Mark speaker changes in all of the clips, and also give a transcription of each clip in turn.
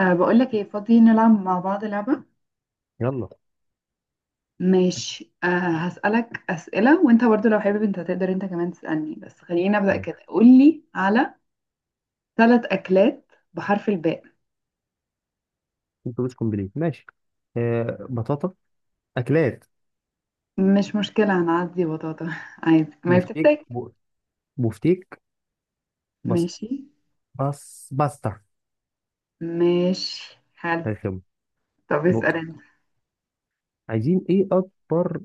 Speaker 1: أه بقول لك ايه، فاضي نلعب مع بعض لعبة.
Speaker 2: يلا،
Speaker 1: ماشي أه. هسألك أسئلة، وانت برضو لو حابب انت تقدر انت كمان تسألني، بس خلينا نبدأ
Speaker 2: ماشي.
Speaker 1: كده. قول لي على ثلاث أكلات بحرف الباء.
Speaker 2: انتوا مش كومبليت. ماشي، بطاطا، اكلات،
Speaker 1: مش مشكلة، هنعدي بطاطا عادي، ما
Speaker 2: بفتيك
Speaker 1: بتحتاج.
Speaker 2: ب- بفتيك، بس
Speaker 1: ماشي،
Speaker 2: بس باستا.
Speaker 1: ماشي، حلو.
Speaker 2: رخم،
Speaker 1: طب اسأل
Speaker 2: نقطة.
Speaker 1: انت.
Speaker 2: عايزين ايه؟ اكبر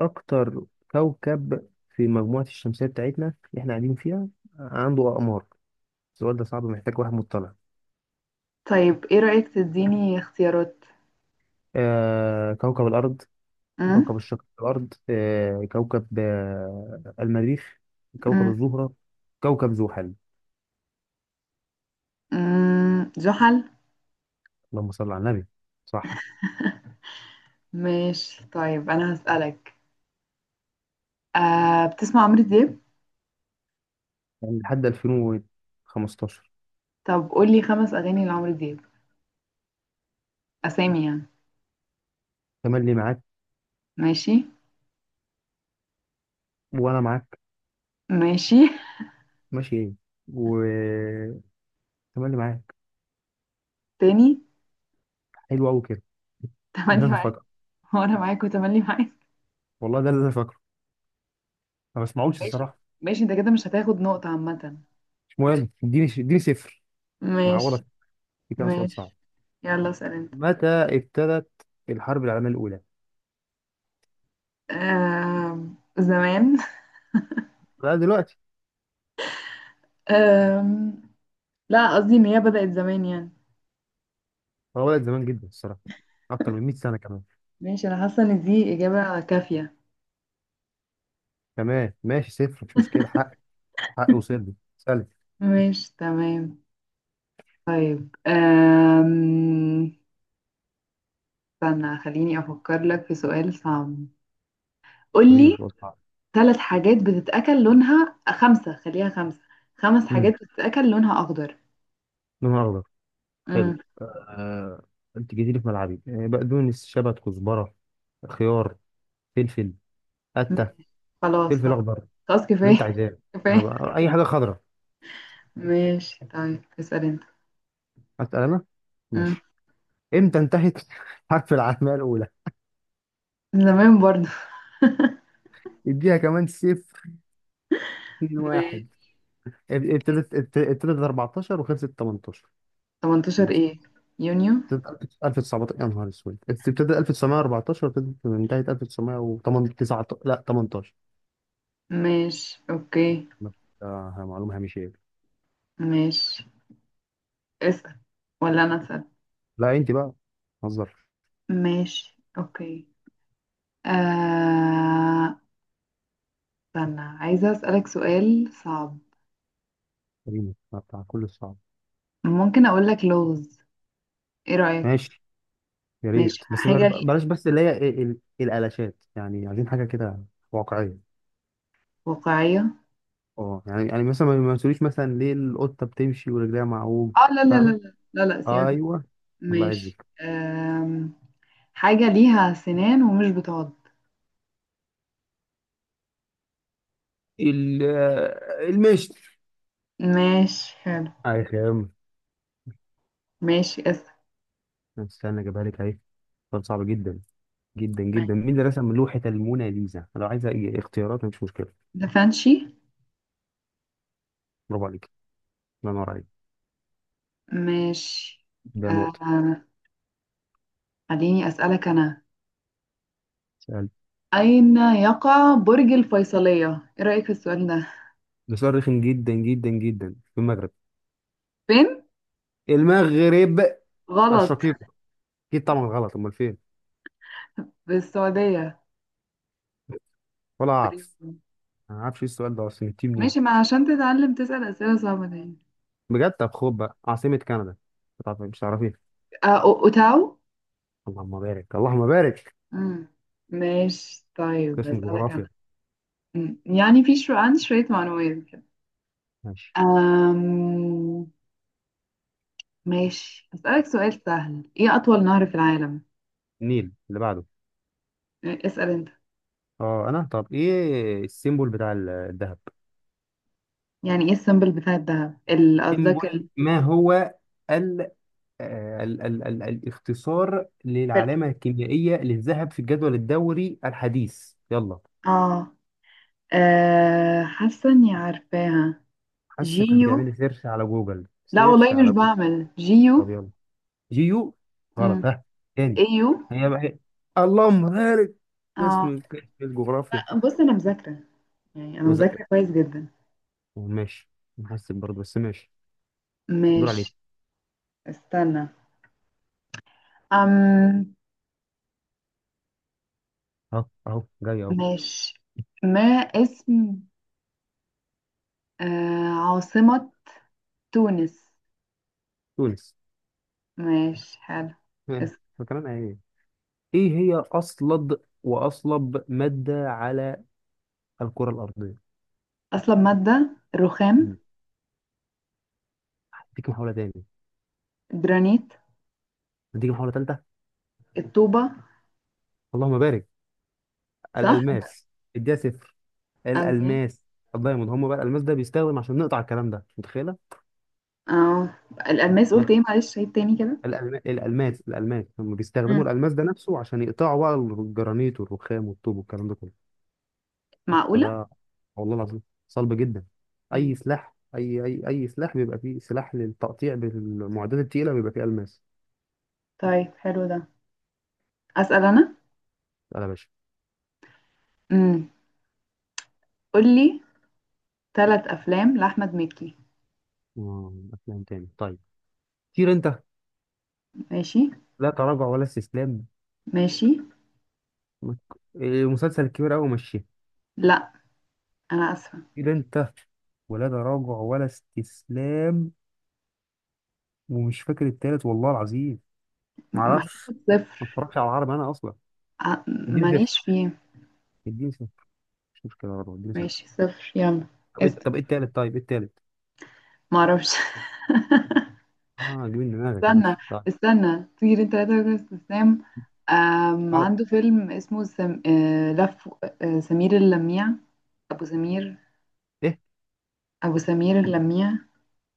Speaker 2: اكتر كوكب في مجموعة الشمسية بتاعتنا اللي احنا قاعدين فيها، عنده اقمار؟ السؤال ده صعب، محتاج واحد مطلع.
Speaker 1: طيب، ايه رأيك تديني اختيارات؟
Speaker 2: كوكب الارض،
Speaker 1: أم؟
Speaker 2: كوكب الشق الارض، كوكب، المريخ، كوكب
Speaker 1: أم؟
Speaker 2: الزهرة، كوكب زحل.
Speaker 1: زحل.
Speaker 2: اللهم صل على النبي. صح.
Speaker 1: ماشي، طيب انا هسألك. أه، بتسمع عمرو دياب؟
Speaker 2: يعني لحد 2015.
Speaker 1: طب قول لي خمس أغاني لعمرو دياب، أسامي يعني.
Speaker 2: تملي معاك،
Speaker 1: ماشي.
Speaker 2: وانا معاك.
Speaker 1: ماشي.
Speaker 2: ماشي، ايه؟ و تملي معاك.
Speaker 1: تاني؟
Speaker 2: حلو قوي كده. ده اللي
Speaker 1: تملي
Speaker 2: انا
Speaker 1: معاك،
Speaker 2: فاكره.
Speaker 1: وأنا معاك، وتملي معاك.
Speaker 2: والله ده اللي انا فاكره. ما بسمعوش
Speaker 1: ماشي.
Speaker 2: الصراحه.
Speaker 1: ماشي، أنت كده مش هتاخد نقطة عامة.
Speaker 2: مش مهم، اديني صفر.
Speaker 1: ماشي.
Speaker 2: نعوضك، في كده سؤال صعب.
Speaker 1: ماشي، يلا اسأل أنت.
Speaker 2: متى ابتدت الحرب العالميه الاولى؟
Speaker 1: زمان.
Speaker 2: لا دلوقتي.
Speaker 1: آم... لا، قصدي إن هي بدأت زمان يعني.
Speaker 2: هو بدأت زمان جدا الصراحه، اكتر من 100 سنه كمان.
Speaker 1: ماشي، أنا حاسة إن دي إجابة كافية.
Speaker 2: تمام ماشي، صفر مش مشكله. حقي، حقي وصل لي سالت.
Speaker 1: ماشي، تمام. طيب، استنى، خليني أفكر لك في سؤال صعب.
Speaker 2: فريق
Speaker 1: قولي.
Speaker 2: الفضاء، صعب.
Speaker 1: ثلاث حاجات بتتأكل لونها خمسة، خليها خمسة. خمس حاجات
Speaker 2: امم
Speaker 1: بتتأكل لونها أخضر.
Speaker 2: لون اخضر، حلو.
Speaker 1: امم
Speaker 2: آه، انت جيتي لي في ملعبي، بقدونس، شبت، كزبره، خيار، فلفل، قته،
Speaker 1: ماشي. خلاص،
Speaker 2: فلفل
Speaker 1: خلاص،
Speaker 2: اخضر،
Speaker 1: خلاص
Speaker 2: اللي انت
Speaker 1: كفاية.
Speaker 2: عايزاه. انا
Speaker 1: كفاية.
Speaker 2: بقى اي حاجه خضراء.
Speaker 1: ماشي. طيب اسأل انت.
Speaker 2: اسال انا.
Speaker 1: امم
Speaker 2: ماشي. امتى انتهت حرب العالميه الاولى؟
Speaker 1: زمان برضه.
Speaker 2: اديها كمان صفر. اتنين
Speaker 1: ماشي.
Speaker 2: واحد. ابتدت 14 وخلصت 18.
Speaker 1: 18
Speaker 2: بس
Speaker 1: ايه؟ يونيو؟
Speaker 2: ابتدت 1919، يا نهار اسود، ابتدت 1914 وابتدت انتهت 1918. لا 18.
Speaker 1: ماشي، اوكي.
Speaker 2: معلومه هامشيه.
Speaker 1: ماشي، اسأل. ولا انا اسأل؟
Speaker 2: لا انت بقى، هزر.
Speaker 1: ماشي، اوكي. آه... استنى، عايزة اسألك سؤال صعب.
Speaker 2: كريمة بتاع كل الصعب.
Speaker 1: ممكن اقول لك لغز؟ ايه رأيك؟
Speaker 2: ماشي، يا
Speaker 1: ماشي،
Speaker 2: ريت
Speaker 1: حاجة
Speaker 2: بلاش بس اللي هي الالاشات، يعني عايزين حاجه كده واقعيه.
Speaker 1: واقعية.
Speaker 2: اه، يعني مثلا ما تقوليش مثلا ليه القطه بتمشي ورجليها معوج.
Speaker 1: اه، لا لا لا
Speaker 2: فاهمه؟
Speaker 1: لا لا لا، سيبك.
Speaker 2: ايوه. الله
Speaker 1: ماشي.
Speaker 2: يعزك.
Speaker 1: حاجة ليها سنان ومش بتعض.
Speaker 2: المشت.
Speaker 1: ماشي، حلو.
Speaker 2: اي خام.
Speaker 1: ماشي، اسأل.
Speaker 2: استنى اجيبها لك اهي. سؤال صعب جدا جدا
Speaker 1: ماشي.
Speaker 2: جدا، مين اللي رسم لوحه الموناليزا؟ لو عايزه اختيارات، مفيش مشكله.
Speaker 1: دافنشي.
Speaker 2: برافو عليك، الله ينور عليك.
Speaker 1: ماشي.
Speaker 2: ده نقطه.
Speaker 1: أم... خليني أسألك أنا.
Speaker 2: سأل.
Speaker 1: أين يقع برج الفيصلية؟ إيه رأيك في السؤال ده؟
Speaker 2: ده سؤال رخم جدا جدا جدا. في المغرب.
Speaker 1: فين؟
Speaker 2: المغرب
Speaker 1: غلط.
Speaker 2: الشقيق. اكيد طبعا غلط، امال فين؟
Speaker 1: في السعودية
Speaker 2: ولا اعرف.
Speaker 1: تقريباً.
Speaker 2: انا ما اعرفش، ايه السؤال ده اصلا، جبتيه منين؟
Speaker 1: ماشي، ما عشان تتعلم تسأل أسئلة صعبة دي.
Speaker 2: بجد. طب خد بقى، عاصمة كندا. طب مش هتعرفيها.
Speaker 1: أه، أوتاو؟
Speaker 2: اللهم بارك، اللهم بارك.
Speaker 1: مم. ماشي. طيب،
Speaker 2: قسم
Speaker 1: بسألك
Speaker 2: جغرافيا.
Speaker 1: أنا. يعني في شو عندي شوية معلومات كده.
Speaker 2: ماشي،
Speaker 1: أم... ماشي، أسألك سؤال سهل. إيه أطول نهر في العالم؟
Speaker 2: النيل. اللي بعده؟
Speaker 1: اسأل أنت.
Speaker 2: اه انا. طب ايه السيمبول بتاع الذهب؟
Speaker 1: يعني إيه السيمبل بتاع الدهب؟ قصدك
Speaker 2: سيمبول، ما هو ال آه، ال ال ال الاختصار
Speaker 1: الفرق.
Speaker 2: للعلامة الكيميائية للذهب في الجدول الدوري الحديث. يلا.
Speaker 1: آه آه، حاسة إني عارفاها.
Speaker 2: حاسك
Speaker 1: جيو.
Speaker 2: بتعملي سيرش على جوجل،
Speaker 1: لا والله،
Speaker 2: سيرش
Speaker 1: مش
Speaker 2: على جوجل.
Speaker 1: بعمل جيو.
Speaker 2: طب يلا. جيو.
Speaker 1: مم.
Speaker 2: غلط. ها، تاني.
Speaker 1: إيو.
Speaker 2: هي بقى هي. اللهم بارك.
Speaker 1: آه.
Speaker 2: قسم الجغرافيا.
Speaker 1: لأ، بص أنا مذاكرة، يعني أنا
Speaker 2: مز-
Speaker 1: مذاكرة كويس جدا.
Speaker 2: ماشي، نحسب برضه بس، ماشي. دور عليك.
Speaker 1: ماشي، استنى. أم
Speaker 2: اهو، اهو جاي اهو.
Speaker 1: ماشي. ما اسم عاصمة تونس؟
Speaker 2: تونس.
Speaker 1: ماشي، حلو.
Speaker 2: ها،
Speaker 1: اس-
Speaker 2: فكرنا ايه؟ ايه هي اصلب واصلب مادة على الكرة الارضية؟
Speaker 1: أصل مادة الرخام.
Speaker 2: مم. اديك محاولة تاني.
Speaker 1: الجرانيت.
Speaker 2: اديك محاولة تالتة.
Speaker 1: الطوبة.
Speaker 2: اللهم بارك،
Speaker 1: صح؟
Speaker 2: الالماس. اديها صفر.
Speaker 1: ألماس.
Speaker 2: الالماس، الدايموند هم بقى. الالماس ده بيستخدم عشان نقطع الكلام ده، متخيلة؟
Speaker 1: اه، الألماس قلت ايه؟ معلش عيد تاني كده.
Speaker 2: الألماس هم
Speaker 1: مم.
Speaker 2: بيستخدموا الألماس ده نفسه عشان يقطعوا بقى الجرانيت والرخام والطوب والكلام ده كله.
Speaker 1: معقولة؟
Speaker 2: فده، والله العظيم، صلب جدا. أي
Speaker 1: مم.
Speaker 2: سلاح أي أي أي سلاح بيبقى فيه سلاح للتقطيع، بالمعدات التقيلة بيبقى فيه ألماس.
Speaker 1: طيب، حلو ده. أسأل أنا.
Speaker 2: لا يا باشا.
Speaker 1: مم. قولي. ثلاث أفلام لأحمد مكي.
Speaker 2: أفلام تاني؟ طيب. طير أنت.
Speaker 1: ماشي.
Speaker 2: لا تراجع ولا استسلام.
Speaker 1: ماشي،
Speaker 2: مك- المسلسل الكبير أوي مشيه.
Speaker 1: لا أنا آسفة.
Speaker 2: طير أنت، ولا تراجع ولا استسلام. ومش فاكر التالت والله العظيم. معرفش.
Speaker 1: هتاخد صفر.
Speaker 2: ما اتفرجش على العربي أنا أصلا دي.
Speaker 1: ماليش فيه.
Speaker 2: اديني صفر. مش مشكلة برضه، اديني صفر.
Speaker 1: ماشي، صفر يلا.
Speaker 2: طب ايه،
Speaker 1: اسأل.
Speaker 2: طب ايه التالت؟ طيب ايه التالت؟
Speaker 1: معرفش.
Speaker 2: اه، جيب من دماغك.
Speaker 1: استنى،
Speaker 2: ماشي طيب.
Speaker 1: استنى طير انت، لا تركز ابتسام.
Speaker 2: تعرف
Speaker 1: عنده فيلم اسمه سم... آه، لف. سمير اللميع. ابو سمير
Speaker 2: ايه؟
Speaker 1: ابو سمير اللميع.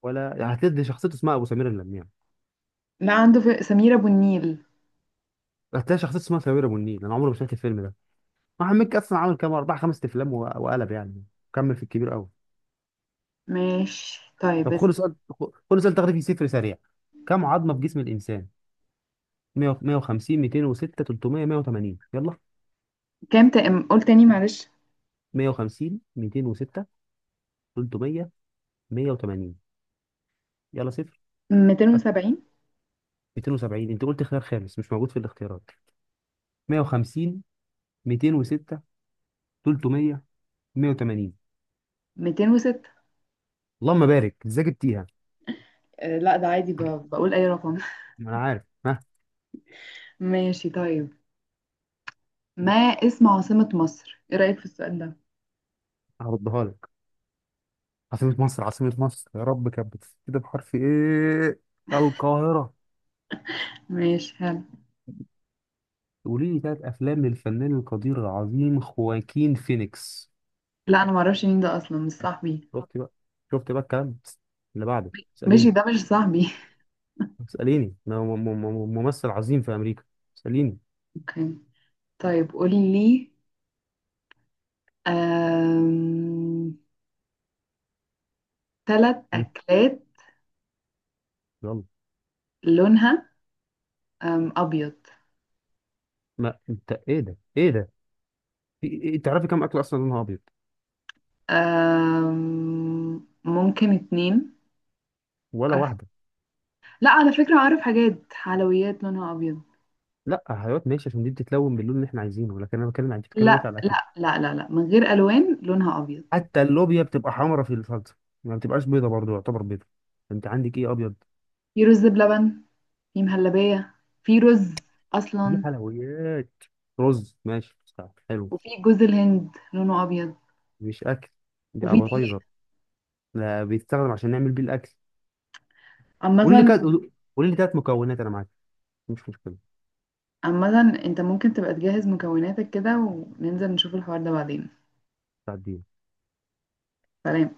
Speaker 2: ولا يعني هتلاقي شخصيته اسمها ابو سمير النمير.
Speaker 1: لا، عنده سمير ابو النيل.
Speaker 2: هتلاقي شخصيته اسمها سمير ابو النيل. انا عمري ما شفت الفيلم ده. احمد مكي اصلا عمل كام؟ اربع خمس افلام وقلب يعني. كمل في الكبير قوي.
Speaker 1: ماشي، طيب
Speaker 2: طب
Speaker 1: بس.
Speaker 2: خد سؤال. خد سؤال تغريبي صفر سريع. كم عظمة في جسم الانسان؟ 100، 150، 206، 300، 180، يلا.
Speaker 1: كام؟ قول تاني معلش.
Speaker 2: 150، 206، 300، 180، يلا. صفر. أكتب.
Speaker 1: 270،
Speaker 2: 270؟ انت قلت خيار خامس مش موجود في الاختيارات. 150، 206، 300، 180.
Speaker 1: 206.
Speaker 2: اللهم بارك، ازاي جبتيها؟
Speaker 1: لا، ده عادي بقول اي رقم.
Speaker 2: ما انا عارف، ها.
Speaker 1: ماشي. طيب، ما اسم عاصمة مصر؟ ايه رأيك في السؤال ده؟
Speaker 2: هردها لك. عاصمة مصر، عاصمة مصر، يا رب، كانت بتبتدي بحرف ايه؟ القاهرة.
Speaker 1: ماشي، حلو.
Speaker 2: قولي لي ثلاث افلام للفنان القدير العظيم خواكين فينيكس.
Speaker 1: لا، انا معرفش مين ده اصلا، مش صاحبي.
Speaker 2: شفت بقى؟ شفت بقى الكلام؟ اللي بعده
Speaker 1: ماشي.
Speaker 2: اسأليني.
Speaker 1: ده مش صاحبي.
Speaker 2: اسأليني أنا، ممثل عظيم في امريكا، اسأليني.
Speaker 1: اوكي. طيب قولي لي ثلاث
Speaker 2: مم.
Speaker 1: أكلات
Speaker 2: يلا.
Speaker 1: لونها أبيض.
Speaker 2: ما انت، ايه ده، ايه ده؟ تعرفي كم اكل اصلا لونها ابيض؟
Speaker 1: ممكن اتنين.
Speaker 2: ولا
Speaker 1: أعرف-
Speaker 2: واحدة.
Speaker 1: لا، على فكرة أعرف حاجات حلويات لونها أبيض.
Speaker 2: لا هيوت، ماشي، عشان دي بتتلون باللون اللي احنا عايزينه، لكن انا بتكلم عن، انت بتتكلم دلوقتي
Speaker 1: لا
Speaker 2: على الاكل.
Speaker 1: لا لا لا لا، من غير ألوان، لونها أبيض.
Speaker 2: حتى اللوبيا بتبقى حمرا في الصلصه، ما بتبقاش بيضه، برضه يعتبر بيضه. انت عندك ايه ابيض؟
Speaker 1: في رز بلبن. في مهلبية. في رز
Speaker 2: دي
Speaker 1: أصلا.
Speaker 2: حلويات. رز، ماشي بتاع. حلو.
Speaker 1: وفي جوز الهند لونه أبيض.
Speaker 2: مش اكل، دي
Speaker 1: وفي دقيق
Speaker 2: ابيتايزر. لا، بيستخدم عشان نعمل بيه الاكل. قول لي
Speaker 1: عامة.
Speaker 2: كده، قول لي ثلاث مكونات انا معاك، مش مشكله.
Speaker 1: عامة انت ممكن تبقى تجهز مكوناتك كده، وننزل نشوف الحوار ده بعدين.
Speaker 2: بتاع.
Speaker 1: سلام.